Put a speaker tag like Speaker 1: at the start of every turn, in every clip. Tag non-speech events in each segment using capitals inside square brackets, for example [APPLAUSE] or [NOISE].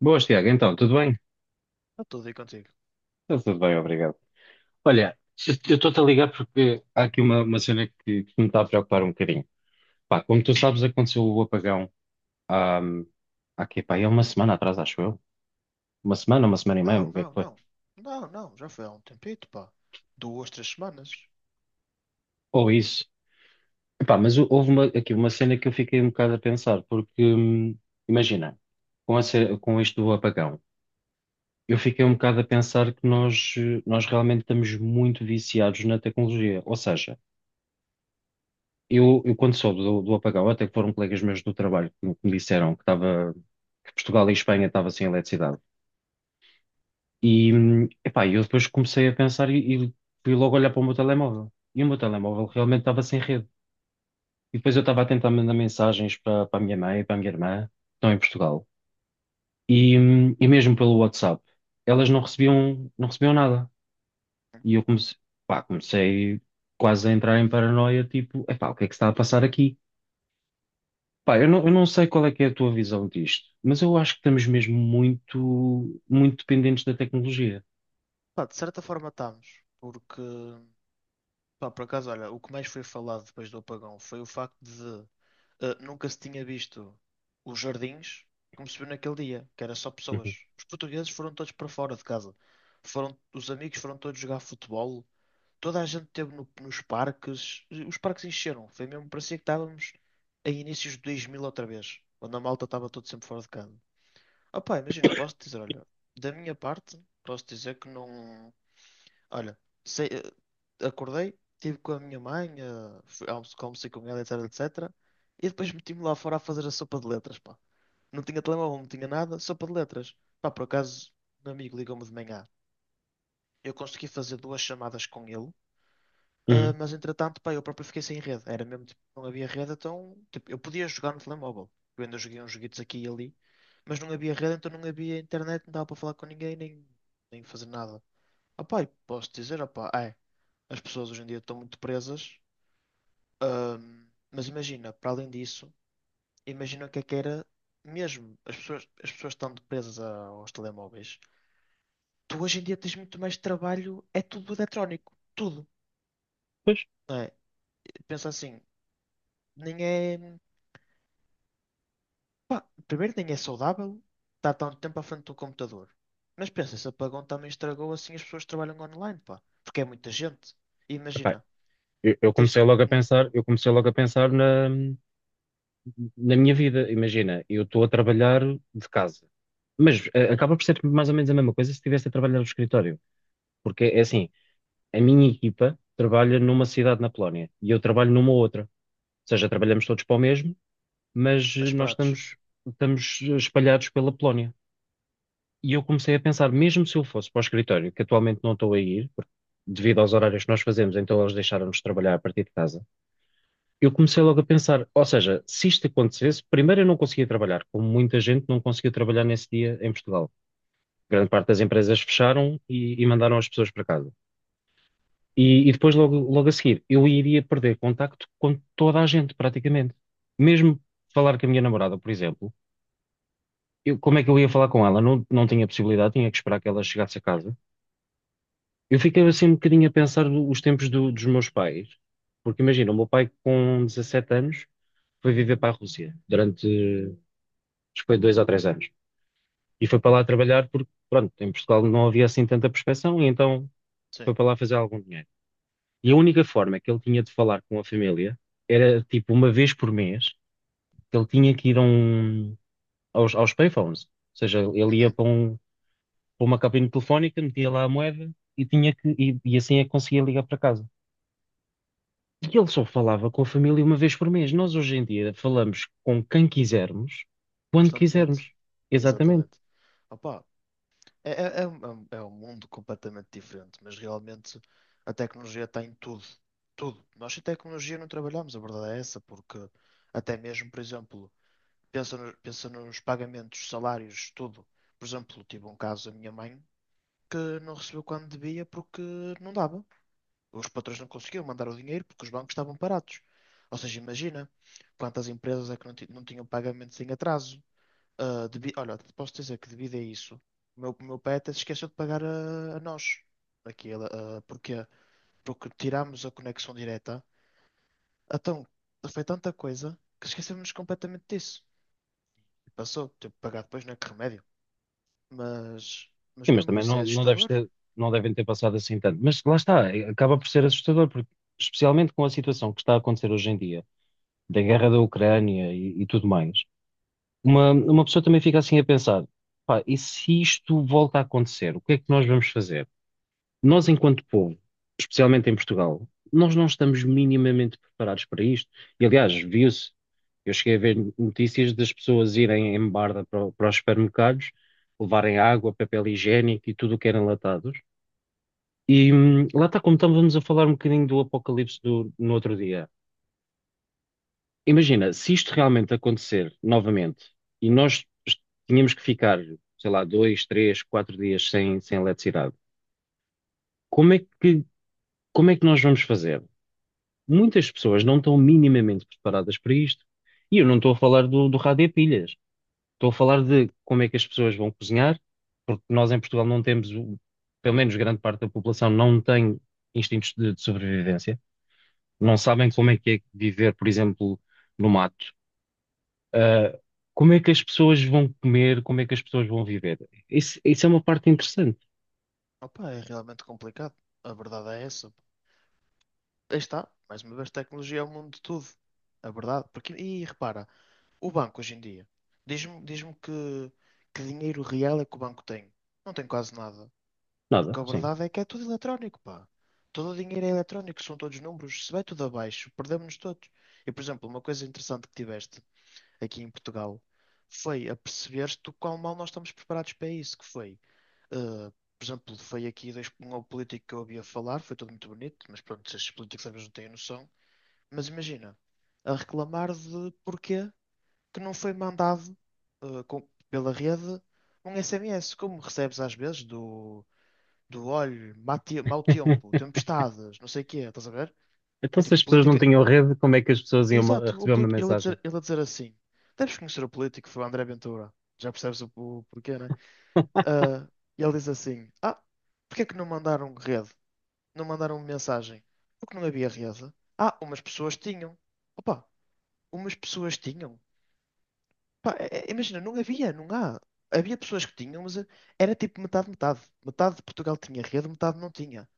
Speaker 1: Boas, Tiago. Então, tudo bem?
Speaker 2: Está tudo aí contigo.
Speaker 1: Está tudo bem, obrigado. Olha, eu estou-te a ligar porque há aqui uma cena que me está a preocupar um bocadinho. Pá, como tu sabes, aconteceu o apagão há, há aqui, pá, é uma semana atrás, acho eu. Uma semana e meia,
Speaker 2: Não,
Speaker 1: o que é que
Speaker 2: não,
Speaker 1: foi?
Speaker 2: não. Não, não. Já foi há um tempito, pá. Duas, três semanas.
Speaker 1: Ou isso. Epá, mas houve aqui uma cena que eu fiquei um bocado a pensar, porque, imagina, com isto do apagão, eu fiquei um bocado a pensar que nós, nós realmente estamos muito viciados na tecnologia. Ou seja, eu quando soube do apagão, até que foram colegas meus do trabalho que me disseram que estava, que Portugal e Espanha estavam sem eletricidade. E, epá, eu depois comecei a pensar e fui logo olhar para o meu telemóvel. E o meu telemóvel realmente estava sem rede. E depois eu estava a tentar mandar mensagens para a minha mãe e para a minha irmã, que estão em Portugal. E mesmo pelo WhatsApp, elas não recebiam, não recebiam nada. E eu comecei, pá, comecei quase a entrar em paranoia, tipo, epá, o que é que se está a passar aqui? Pá, eu não sei qual é que é a tua visão disto, mas eu acho que estamos mesmo muito, muito dependentes da tecnologia.
Speaker 2: Pá, de certa forma estamos. Porque Pá, por acaso, olha, o que mais foi falado depois do apagão foi o facto de nunca se tinha visto os jardins como se viu naquele dia, que era só pessoas.
Speaker 1: Uhum.
Speaker 2: Os portugueses foram todos para fora de casa. Os amigos foram todos jogar futebol. Toda a gente esteve nos parques. Os parques encheram. Foi mesmo, parecia que estávamos em inícios de 2000 outra vez, quando a malta estava todo sempre fora de casa. Opá, imagina, posso dizer, olha, da minha parte, posso dizer que não. Olha, sei- acordei, estive com a minha mãe, almocei com ela, etc, etc. E depois meti-me lá fora a fazer a sopa de letras, pá. Não tinha telemóvel, não tinha nada, sopa de letras. Pá, por acaso, um amigo ligou-me de manhã. Eu consegui fazer duas chamadas com ele,
Speaker 1: Uhum.
Speaker 2: mas entretanto, pá, eu próprio fiquei sem rede. Era mesmo, tipo, não havia rede, então, tipo, eu podia jogar no telemóvel. Eu ainda joguei uns joguitos aqui e ali, mas não havia rede, então não havia internet, não dava para falar com ninguém, nem, nem fazer nada. Ah, pá, e posso dizer, ah, pá, é. As pessoas hoje em dia estão muito presas. Mas imagina, para além disso, imagina o que é que era mesmo. As pessoas estão presas aos telemóveis. Tu hoje em dia tens muito mais trabalho, é tudo eletrónico. Tudo, não é? Pensa assim, nem é. Pá, primeiro, nem é saudável estar tanto tempo à frente do computador. Mas pensa, esse apagão também estragou assim as pessoas que trabalham online, pá. Porque é muita gente. E
Speaker 1: Epá,
Speaker 2: imagina,
Speaker 1: eu
Speaker 2: tens.
Speaker 1: comecei logo a
Speaker 2: Hum,
Speaker 1: pensar, eu comecei logo a pensar na minha vida. Imagina, eu estou a trabalhar de casa, mas acaba por ser mais ou menos a mesma coisa se estivesse a trabalhar do escritório, porque é assim, a minha equipa trabalha numa cidade na Polónia e eu trabalho numa outra, ou seja, trabalhamos todos para o mesmo, mas
Speaker 2: as pratos.
Speaker 1: estamos espalhados pela Polónia. E eu comecei a pensar, mesmo se eu fosse para o escritório, que atualmente não estou a ir, porque devido aos horários que nós fazemos, então eles deixaram-nos trabalhar a partir de casa. Eu comecei logo a pensar, ou seja, se isto acontecesse, primeiro eu não conseguia trabalhar, como muita gente não conseguiu trabalhar nesse dia em Portugal. Grande parte das empresas fecharam e mandaram as pessoas para casa. E depois, logo, logo a seguir, eu iria perder contacto com toda a gente, praticamente. Mesmo falar com a minha namorada, por exemplo, como é que eu ia falar com ela? Não tinha possibilidade, tinha que esperar que ela chegasse a casa. Eu fiquei assim um bocadinho a pensar os tempos dos meus pais, porque imagina, o meu pai com 17 anos foi viver para a Rússia durante, acho que foi dois ou três anos, e foi para lá trabalhar porque, pronto, em Portugal não havia assim tanta prospeção, e então
Speaker 2: Sim.
Speaker 1: foi para lá fazer algum dinheiro. E a única forma que ele tinha de falar com a família era, tipo, uma vez por mês, que ele tinha que ir a um, aos payphones, ou seja, ele ia
Speaker 2: Uhum.
Speaker 1: para, para uma cabine telefónica, metia lá a moeda, e tinha e assim é que conseguia ligar para casa. E ele só falava com a família uma vez por mês. Nós hoje em dia falamos com quem quisermos, quando
Speaker 2: Constantemente.
Speaker 1: quisermos. Exatamente.
Speaker 2: Exatamente. Opa, é, é, é, um, é um é um mundo completamente diferente, mas realmente a tecnologia está em tudo. Tudo. Nós sem tecnologia não trabalhamos, a verdade é essa, porque até mesmo, por exemplo, pensa, pensa nos pagamentos, salários, tudo. Por exemplo, tive um caso da minha mãe que não recebeu quando devia porque não dava. Os patrões não conseguiam mandar o dinheiro porque os bancos estavam parados. Ou seja, imagina quantas empresas é que não, não tinham pagamentos em atraso. Ah, Olha, posso dizer que devido a isso, o meu pai até se esqueceu de pagar a nós. Aquilo, ah, porquê? Porque tirámos a conexão direta. Então, foi tanta coisa que esquecemos completamente disso. E passou, teve que pagar depois, não é que remédio. Mas, mas
Speaker 1: Sim, mas
Speaker 2: mesmo
Speaker 1: também
Speaker 2: isso é assustador.
Speaker 1: não devem ter passado assim tanto. Mas lá está, é, acaba por ser assustador, porque especialmente com a situação que está a acontecer hoje em dia, da guerra da Ucrânia e tudo mais, uma pessoa também fica assim a pensar, pá, e se isto volta a acontecer, o que é que nós vamos fazer? Nós, enquanto povo, especialmente em Portugal, nós não estamos minimamente preparados para isto. E, aliás, viu-se. Eu cheguei a ver notícias das pessoas irem em barda para, para os supermercados, levarem água, papel higiênico e tudo o que era enlatados. E lá está, como estávamos a falar um bocadinho do apocalipse no outro dia. Imagina, se isto realmente acontecer novamente e tínhamos que ficar, sei lá, dois, três, quatro dias sem, sem eletricidade, como é que, como é que nós vamos fazer? Muitas pessoas não estão minimamente preparadas para isto. E eu não estou a falar do rádio a pilhas. Estou a falar de como é que as pessoas vão cozinhar, porque nós em Portugal não temos, pelo menos grande parte da população não tem instintos de sobrevivência, não sabem como
Speaker 2: Sim.
Speaker 1: é que é viver, por exemplo, no mato. Ah, como é que as pessoas vão comer, como é que as pessoas vão viver? Isso é uma parte interessante.
Speaker 2: Opa, é realmente complicado. A verdade é essa. Aí está, mais uma vez, tecnologia é o mundo de tudo. A verdade. Porque, e repara, o banco hoje em dia, diz-me que dinheiro real é que o banco tem. Não tem quase nada.
Speaker 1: Nada,
Speaker 2: Porque a
Speaker 1: sim.
Speaker 2: verdade é que é tudo eletrónico, pá. Todo o dinheiro é eletrónico, são todos números. Se vai tudo abaixo, perdemos-nos todos. E, por exemplo, uma coisa interessante que tiveste aqui em Portugal foi a perceber te o quão mal nós estamos preparados para isso, que foi, eh, por exemplo, foi aqui dois, um político que eu ouvia falar, foi tudo muito bonito, mas pronto, estes políticos às vezes não têm noção. Mas imagina, a reclamar de porquê? Que não foi mandado pela rede um SMS, como recebes às vezes do, do olho, mau tempo,
Speaker 1: [LAUGHS]
Speaker 2: tempestades, não sei o quê, estás a ver?
Speaker 1: Então,
Speaker 2: É
Speaker 1: se
Speaker 2: tipo,
Speaker 1: as pessoas não
Speaker 2: política.
Speaker 1: tinham rede, como é que as pessoas iam
Speaker 2: Exato,
Speaker 1: receber uma
Speaker 2: ele, a
Speaker 1: mensagem?
Speaker 2: dizer, ele a dizer assim: deves conhecer o político, foi o André Ventura. Já percebes o porquê, né? Ah, e ele diz assim: Ah, porque é que não mandaram rede? Não mandaram mensagem? Porque não havia rede? Ah, umas pessoas tinham. Opa, umas pessoas tinham. Pá, imagina, não havia, não há. Havia pessoas que tinham, mas era tipo metade, metade. Metade de Portugal tinha rede, metade não tinha.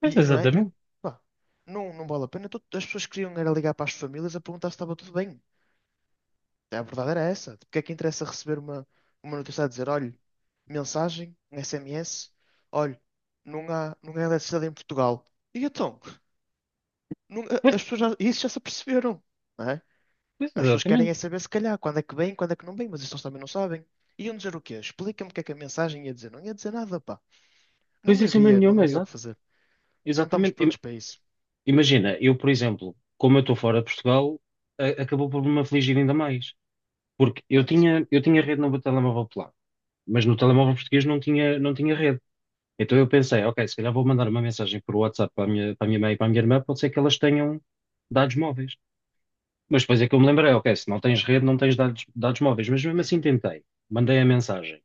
Speaker 1: Pois,
Speaker 2: E não é? E o-
Speaker 1: exatamente.
Speaker 2: pá, não, não vale a pena. Todo- As pessoas queriam era ligar para as famílias a perguntar se estava tudo bem. A verdade era essa. Porque é que interessa receber uma, notícia a dizer, olha, mensagem, um SMS, olha, não há, não há eletricidade em Portugal. E então,
Speaker 1: Pois,
Speaker 2: as pessoas já, isso já se aperceberam, não é?
Speaker 1: pois,
Speaker 2: As pessoas querem
Speaker 1: exatamente.
Speaker 2: é saber, se calhar, quando é que vem, quando é que não vem, mas isso eles também não sabem. Iam dizer o quê? Explica-me o que é que a mensagem ia dizer. Não ia dizer nada, pá.
Speaker 1: Pois,
Speaker 2: Não
Speaker 1: isso é
Speaker 2: havia, não
Speaker 1: nenhuma,
Speaker 2: havia o que
Speaker 1: exato.
Speaker 2: fazer. Não estamos
Speaker 1: Exatamente.
Speaker 2: prontos para isso.
Speaker 1: Imagina, eu, por exemplo, como eu estou fora de Portugal, acabou por me afligir ainda mais. Porque
Speaker 2: Portanto.
Speaker 1: eu tinha rede no meu telemóvel polaco, mas no telemóvel português não tinha, não tinha rede. Então eu pensei, ok, se calhar vou mandar uma mensagem por WhatsApp para para a minha mãe e para a minha irmã, pode ser que elas tenham dados móveis. Mas depois é que eu me lembrei, ok, se não tens rede, não tens dados, dados móveis. Mas mesmo assim
Speaker 2: Uhum.
Speaker 1: tentei, mandei a mensagem.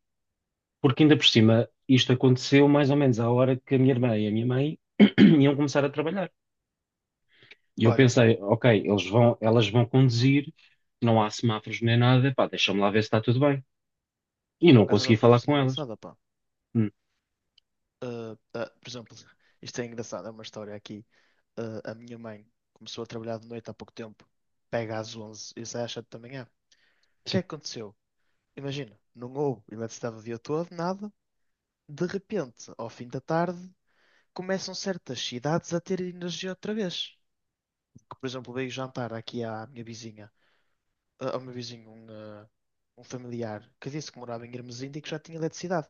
Speaker 1: Porque ainda por cima, isto aconteceu mais ou menos à hora que a minha irmã e a minha mãe [CLEARS THROAT] iam começar a trabalhar. E eu
Speaker 2: Olha,
Speaker 1: pensei, ok, elas vão conduzir, não há semáforos nem nada, pá, deixa-me lá ver se está tudo bem. E
Speaker 2: por
Speaker 1: não
Speaker 2: acaso agora
Speaker 1: consegui falar
Speaker 2: falaste uma
Speaker 1: com elas.
Speaker 2: engraçada, pá.
Speaker 1: Hum,
Speaker 2: Ah, ah, por exemplo, isto é engraçado, é uma história aqui. Ah, a minha mãe começou a trabalhar de noite há pouco tempo. Pega às 11 e sai às 7 da manhã. O que
Speaker 1: sim.
Speaker 2: é que aconteceu? Imagina, não houve eletricidade o dia todo, nada. De repente, ao fim da tarde, começam certas cidades a ter energia outra vez. Que, por exemplo, veio jantar aqui à minha vizinha, ao meu vizinho, um familiar que disse que morava em Hermesinda e que já tinha eletricidade.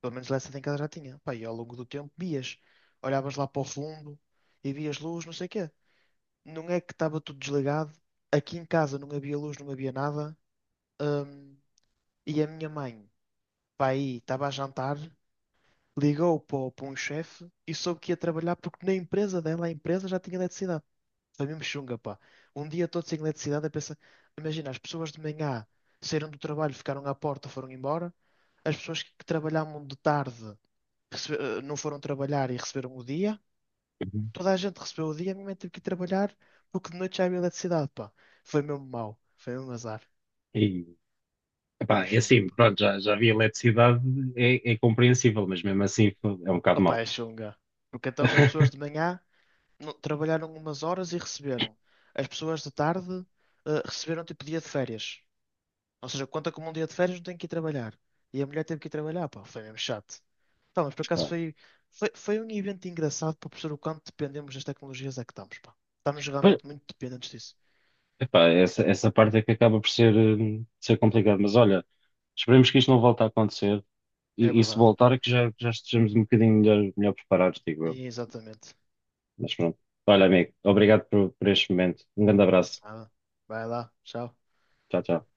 Speaker 2: Pelo menos lá em casa já tinha. Pá, e ao longo do tempo vias, olhavas lá para o fundo e vias luz, não sei o quê. Não é que estava tudo desligado. Aqui em casa não havia luz, não havia nada. Hum, e a minha mãe, pá, aí estava a jantar, ligou para, para um chefe e soube que ia trabalhar porque na empresa dela, a empresa já tinha eletricidade. Foi mesmo chunga, pá. Um dia todo sem eletricidade, a pensar. Imagina, as pessoas de manhã saíram do trabalho, ficaram à porta, foram embora. As pessoas que trabalhavam de tarde não foram trabalhar e receberam o dia.
Speaker 1: Uhum.
Speaker 2: Toda a gente recebeu o dia, a minha mãe teve que ir trabalhar porque de noite já havia eletricidade, pá. Foi mesmo mau, foi mesmo azar.
Speaker 1: E,
Speaker 2: Foi
Speaker 1: pá,
Speaker 2: mesmo
Speaker 1: é
Speaker 2: chunga,
Speaker 1: assim,
Speaker 2: pá.
Speaker 1: pronto, já havia eletricidade, é, é compreensível, mas mesmo assim é um bocado
Speaker 2: Opa,
Speaker 1: mau.
Speaker 2: é chunga. Porque então as pessoas de
Speaker 1: [LAUGHS]
Speaker 2: manhã trabalharam umas horas e receberam. As pessoas de tarde receberam tipo dia de férias. Ou seja, conta como um dia de férias, não tenho que ir trabalhar. E a mulher teve que ir trabalhar, pá, foi mesmo chato. Pá, mas por acaso
Speaker 1: Pá,
Speaker 2: foi, foi um evento engraçado para perceber o quanto dependemos das tecnologias é que estamos, pá. Estamos
Speaker 1: pois,
Speaker 2: realmente muito dependentes disso.
Speaker 1: epá, essa parte é que acaba por ser, ser complicado, mas olha, esperemos que isto não volte a acontecer
Speaker 2: É
Speaker 1: e se
Speaker 2: verdade.
Speaker 1: voltar é que já, já estejamos um bocadinho melhor, melhor preparados, digo eu.
Speaker 2: E exatamente.
Speaker 1: Mas pronto. Olha, amigo, obrigado por este momento. Um grande abraço.
Speaker 2: Nada. Vai lá, tchau.
Speaker 1: Tchau, tchau.